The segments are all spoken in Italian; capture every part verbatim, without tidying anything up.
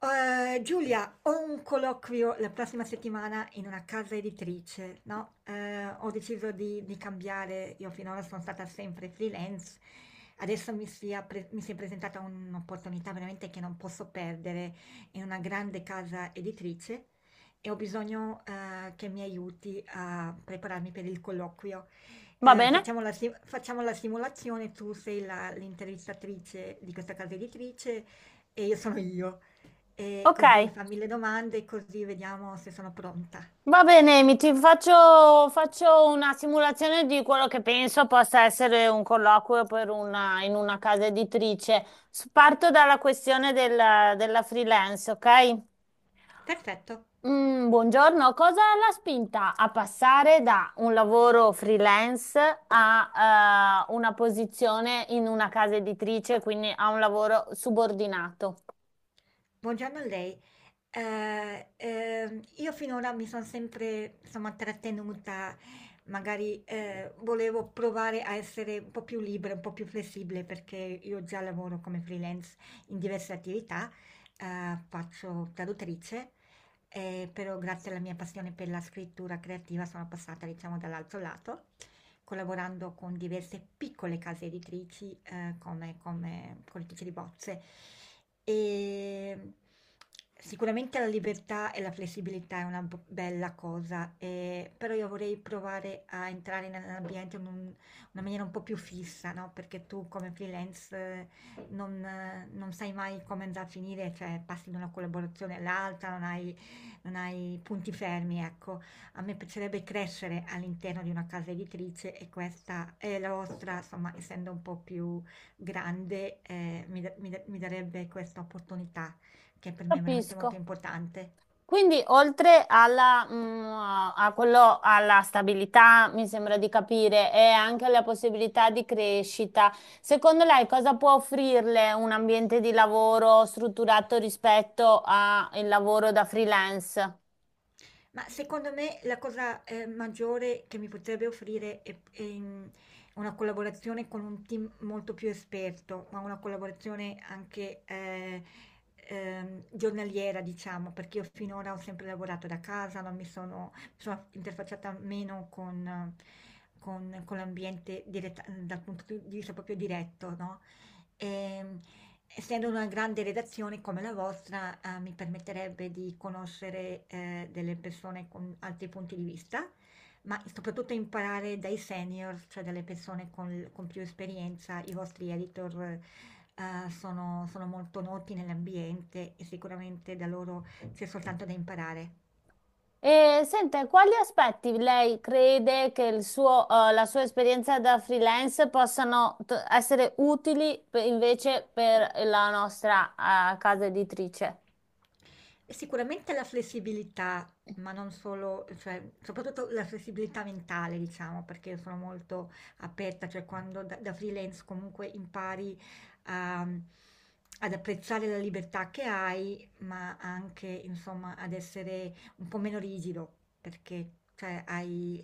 Ehm, Giulia, ho un colloquio la prossima settimana in una casa editrice, no? Ehm, ho deciso di, di cambiare, io finora sono stata sempre freelance, adesso mi sia pre- mi si è presentata un'opportunità veramente che non posso perdere in una grande casa editrice e ho bisogno eh, che mi aiuti a prepararmi per il colloquio. Va Eh, bene? Facciamo la, si- facciamo la simulazione, tu sei la- l'intervistatrice di questa casa editrice e io sono io. E Ok. così fa mille domande, così vediamo se sono pronta. Va bene, mi ti faccio, faccio una simulazione di quello che penso possa essere un colloquio per una- in una casa editrice. S- Parto dalla questione della, della freelance, ok? Perfetto. Mm, buongiorno, cosa l'ha spinta a passare da un lavoro freelance a eh, una posizione in una casa editrice, quindi a un lavoro subordinato? Buongiorno a lei. Eh, ehm, io finora mi sono sempre, insomma, trattenuta, magari eh, volevo provare a essere un po' più libera, un po' più flessibile, perché io già lavoro come freelance in diverse attività, eh, faccio traduttrice, eh, però grazie alla mia passione per la scrittura creativa sono passata, diciamo, dall'altro lato, collaborando con diverse piccole case editrici eh, come, come correttrice di bozze. E sicuramente la libertà e la flessibilità è una b- bella cosa, eh, però io vorrei provare a entrare nell'ambiente in un- una maniera un po' più fissa, no? Perché tu come freelance eh, non, eh, non sai mai come andrà a finire, cioè passi da una collaborazione all'altra, non hai, non hai punti fermi, ecco. A me piacerebbe crescere all'interno di una casa editrice e questa è la vostra, insomma, essendo un po' più grande, eh, mi, da- mi da- mi darebbe questa opportunità che per me è veramente molto Capisco. importante. Quindi oltre alla, mm, a quello, alla stabilità, mi sembra di capire, e anche alla possibilità di crescita, secondo lei cosa può offrirle un ambiente di lavoro strutturato rispetto al lavoro da freelance? Ma secondo me la cosa, ehm, maggiore che mi potrebbe offrire è p ehm, una collaborazione con un team molto più esperto, ma una collaborazione anche, ehm, ehm, giornaliera diciamo, perché io finora ho sempre lavorato da casa, non mi sono mi sono interfacciata meno con eh, con con l'ambiente diretta dal punto di vista proprio diretto, no, ehm essendo una grande redazione come la vostra, ehm, mi permetterebbe di conoscere, ehm, delle persone con altri punti di vista, ma soprattutto imparare dai seniors, cioè dalle persone con con più esperienza. I vostri editor, ehm, sono sono molto noti nell'ambiente e sicuramente da loro c'è soltanto da imparare. E sente, quali aspetti lei crede che il suo, eh, la sua esperienza da freelance possano t- essere utili per- invece per la nostra, eh, casa editrice? Sicuramente la flessibilità, ma non solo, cioè soprattutto la flessibilità mentale, diciamo, perché sono molto aperta, cioè quando da, da freelance comunque impari a- ad apprezzare la libertà che hai, ma anche, insomma, ad essere un po' meno rigido, perché cioè, hai,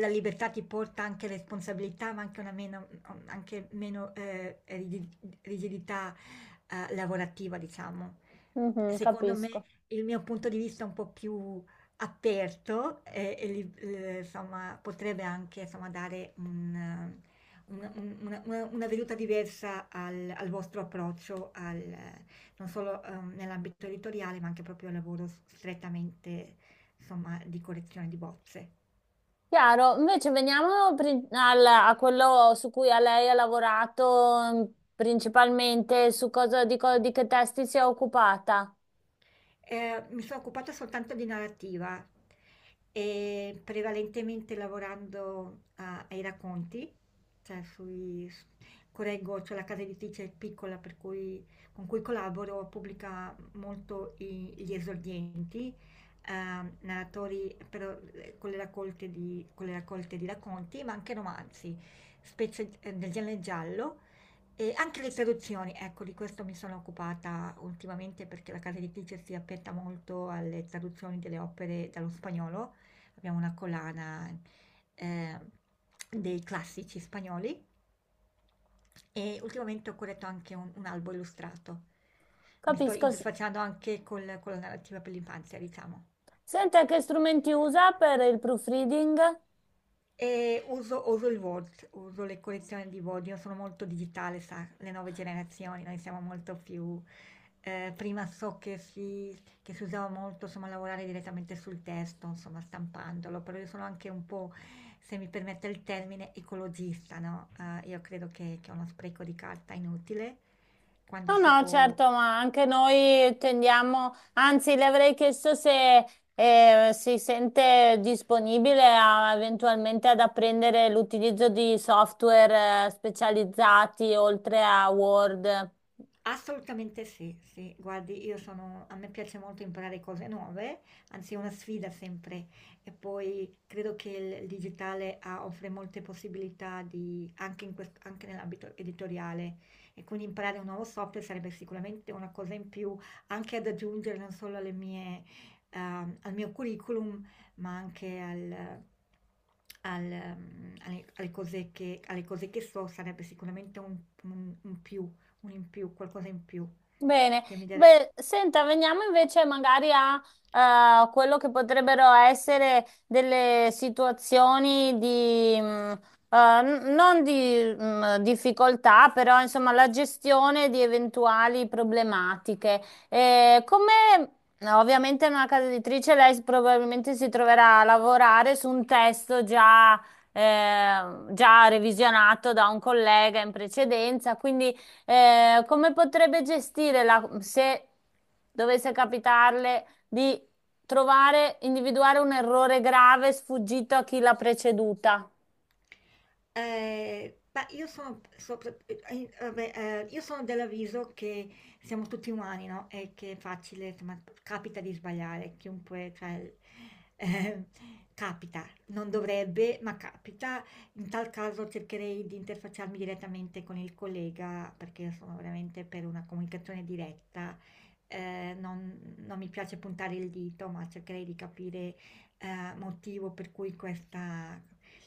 la libertà ti porta anche responsabilità, ma anche una meno, anche meno eh, rigi- rigidità eh, lavorativa, diciamo. Mhm, Secondo me, capisco. il mio punto di vista un po' più aperto eh, e li- eh, insomma, potrebbe anche insomma, dare un, un- un- una, una- una veduta diversa al, al vostro approccio, al, eh, non solo ehm, nell'ambito editoriale, ma anche proprio al lavoro strettamente insomma, di correzione di bozze. Chiaro, invece veniamo pri- al- a quello su cui a lei ha lavorato, mm, principalmente, su cosa, di, co- di che testi si è occupata. Eh, mi sono occupata soltanto di narrativa, e prevalentemente lavorando a- ai racconti, cioè sui, s- correggo, c'è la casa editrice piccola per cui- con cui collaboro, pubblica molto i- gli esordienti, ehm, narratori però, eh, con le raccolte di, con le raccolte di racconti, ma anche romanzi, specie eh, del genere giallo. E anche le traduzioni, ecco, di questo mi sono occupata ultimamente perché la casa editrice si appetta molto alle traduzioni delle opere dallo spagnolo. Abbiamo una collana eh, dei classici spagnoli e ultimamente ho corretto anche un, un albo illustrato. Mi sto Capisco. S- interfacciando anche col- con la narrativa per l'infanzia, diciamo. Senta, che strumenti usa per il proofreading? E uso, uso il Word, uso le collezioni di Word, io sono molto digitale, sa, le nuove generazioni, noi siamo molto più... eh, prima so che si, che si usava molto, insomma, lavorare direttamente sul testo, insomma, stampandolo, però io sono anche un po', se mi permette il termine, ecologista, no? Eh, io credo che, che è uno spreco di carta inutile, quando No, si no, può. certo, ma anche noi tendiamo, anzi, le avrei chiesto se eh, si sente disponibile a- eventualmente ad apprendere l'utilizzo di software, eh, specializzati, oltre a Word. Assolutamente sì, sì. Guardi, io sono a me piace molto imparare cose nuove, anzi è una sfida sempre. E poi credo che il digitale ha- offre molte possibilità di, anche, in quest- anche nell'ambito editoriale. E quindi imparare un nuovo software sarebbe sicuramente una cosa in più, anche ad aggiungere non solo alle mie, ehm, al mio curriculum, ma anche al- al, ehm, alle, alle cose che, alle cose che so, sarebbe sicuramente un, un- un più un in più, qualcosa in più Bene, che mi dia de- beh, senta, veniamo invece magari a eh, quello che potrebbero essere delle situazioni di, mh, eh, n- non di mh, difficoltà, però insomma la gestione di eventuali problematiche. Eh, come no, ovviamente in una casa editrice lei s- probabilmente si troverà a lavorare su un testo già, eh, già revisionato da un collega in precedenza, quindi, eh, come potrebbe gestire la, se dovesse capitarle di trovare, individuare un errore grave sfuggito a chi l'ha preceduta? Eh, beh, io sono, sopra- eh, vabbè, eh, io sono dell'avviso che siamo tutti umani, no? E che è facile, insomma, capita di sbagliare, chiunque, cioè, eh, capita, non dovrebbe, ma capita. In tal caso cercherei di interfacciarmi direttamente con il collega, perché io sono veramente per una comunicazione diretta. Eh, non, Non mi piace puntare il dito, ma cercherei di capire eh, motivo per cui questa,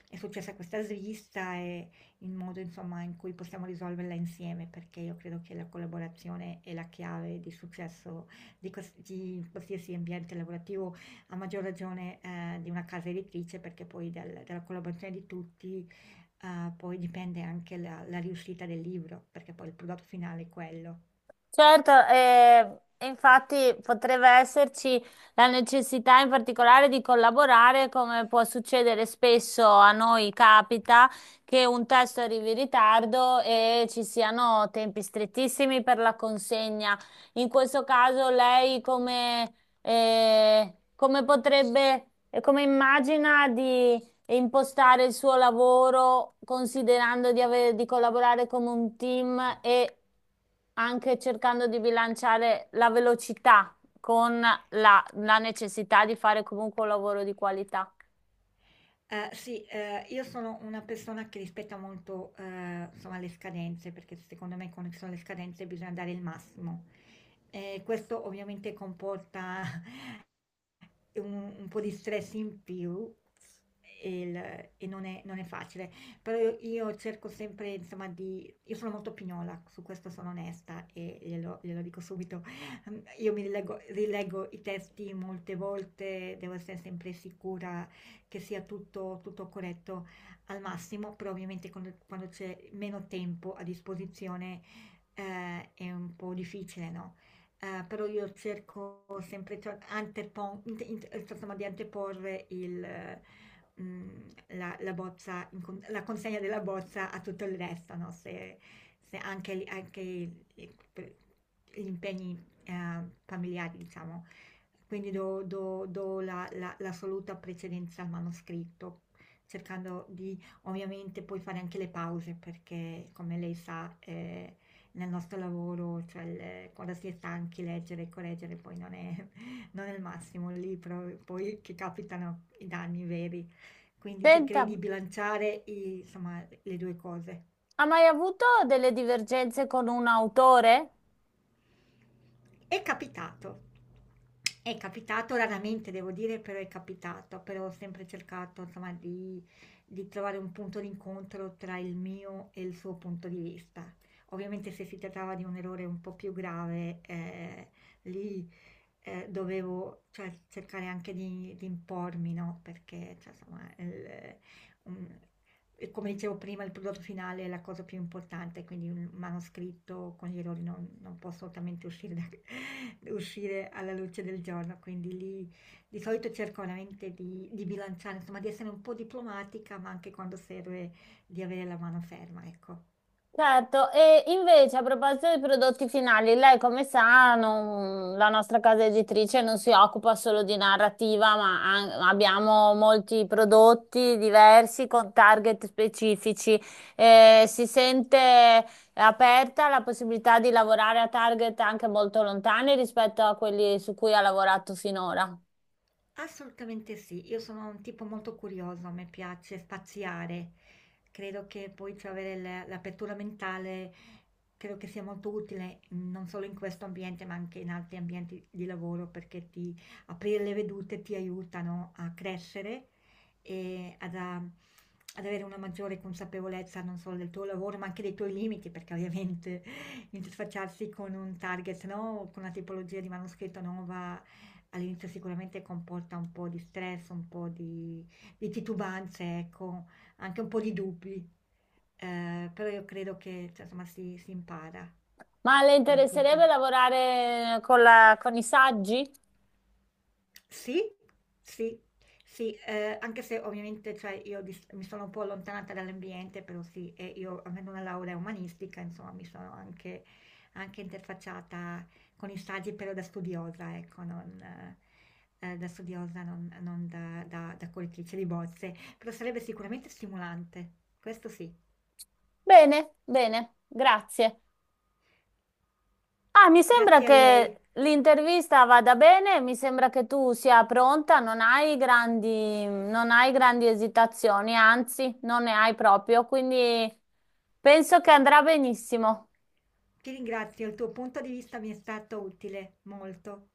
è successa questa svista e il modo, insomma, in cui possiamo risolverla insieme, perché io credo che la collaborazione è la chiave di successo di, quals- di qualsiasi ambiente lavorativo, a maggior ragione eh, di una casa editrice, perché poi dal- dalla collaborazione di tutti eh, poi dipende anche la, la riuscita del libro, perché poi il prodotto finale è quello. Certo, eh, infatti potrebbe esserci la necessità in particolare di collaborare, come può succedere spesso a noi, capita che un testo arrivi in ritardo e ci siano tempi strettissimi per la consegna. In questo caso lei come, eh, come potrebbe, come immagina e impostare il suo lavoro, considerando di avere- di collaborare come un team e anche cercando di bilanciare la velocità con la, la necessità di fare comunque un lavoro di qualità. Eh, sì, eh, io sono una persona che rispetta molto, eh, insomma, le scadenze, perché secondo me quando ci sono le scadenze bisogna dare il massimo. Eh, questo ovviamente comporta un, un po' di stress in più e, il- e non è, non è facile, però io, io cerco sempre, insomma, di... Io sono molto pignola, su questo sono onesta e glielo, glielo dico subito. Mm, Io mi rileggo, rileggo i testi molte volte, devo essere sempre sicura che sia tutto, tutto corretto al massimo, però ovviamente quando, quando c'è meno tempo a disposizione eh, è un po' difficile, no? Eh, però io cerco sempre tra- antepo- int- int- eh, insomma, di anteporre il, eh, mm, la, la bozza in con- la consegna della bozza a tutto il resto, no? Se, se anche, anche i- i- per- gli impegni eh, familiari, diciamo. Quindi do, do- do la, la- l'assoluta precedenza al manoscritto, cercando di ovviamente poi fare anche le pause, perché come lei sa... eh, nel nostro lavoro, cioè il- quando si è stanchi leggere e correggere poi non è, non è il massimo lì, però poi che capitano i danni veri. Quindi Senta, cercherei di bilanciare i- insomma, le due cose. ha mai avuto delle divergenze con un autore? È capitato. È capitato raramente devo dire, però è capitato, però ho sempre cercato insomma di, di trovare un punto d'incontro tra il mio e il suo punto di vista. Ovviamente se si trattava di un errore un po' più grave, eh, lì eh, dovevo cioè, cercare anche di, di impormi, no? Perché cioè, insomma, il- un- E come dicevo prima, il prodotto finale è la cosa più importante, quindi un manoscritto con gli errori non, non può assolutamente uscire, da- uscire alla luce del giorno, quindi lì di solito cerco veramente di, di bilanciare, insomma, di essere un po' diplomatica, ma anche quando serve di avere la mano ferma, ecco. Certo, e invece a proposito dei prodotti finali, lei come sa, non- la nostra casa editrice non si occupa solo di narrativa, ma an- abbiamo molti prodotti diversi con target specifici. Eh, si sente aperta la possibilità di lavorare a target anche molto lontani rispetto a quelli su cui ha lavorato finora. Assolutamente sì, io sono un tipo molto curioso, a me piace spaziare. Credo che poi cioè, avere l- l'apertura mentale credo che sia molto utile mh, non solo in questo ambiente, ma anche in altri ambienti di lavoro, perché ti aprire le vedute ti aiutano a crescere e ad, a- ad avere una maggiore consapevolezza non solo del tuo lavoro, ma anche dei tuoi limiti, perché ovviamente interfacciarsi con un target, no? Con una tipologia di manoscritto nuova. All'inizio sicuramente comporta un po' di stress, un po' di di titubanze, ecco, anche un po' di dubbi, ehm, però io credo che, cioè, insomma si si impara, Ma le cioè interesserebbe tutto. lavorare con la- con i saggi? Sì, sì, sì, ehm, anche se ovviamente, cioè io di s mi sono un po' allontanata dall'ambiente, però sì, e io avendo una laurea umanistica, insomma, mi sono anche anche interfacciata con i saggi, però da studiosa, ecco, non ehm, da studiosa, non non da da da coltrice di bozze, però sarebbe sicuramente stimolante, questo sì. Bene, bene, grazie. Ah, mi sembra Grazie a lei. che l'intervista vada bene, mi sembra che tu sia pronta, non hai grandi, non hai grandi esitazioni, anzi, non ne hai proprio, quindi penso che andrà benissimo. Ti ringrazio, il tuo punto di vista mi è stato utile, molto.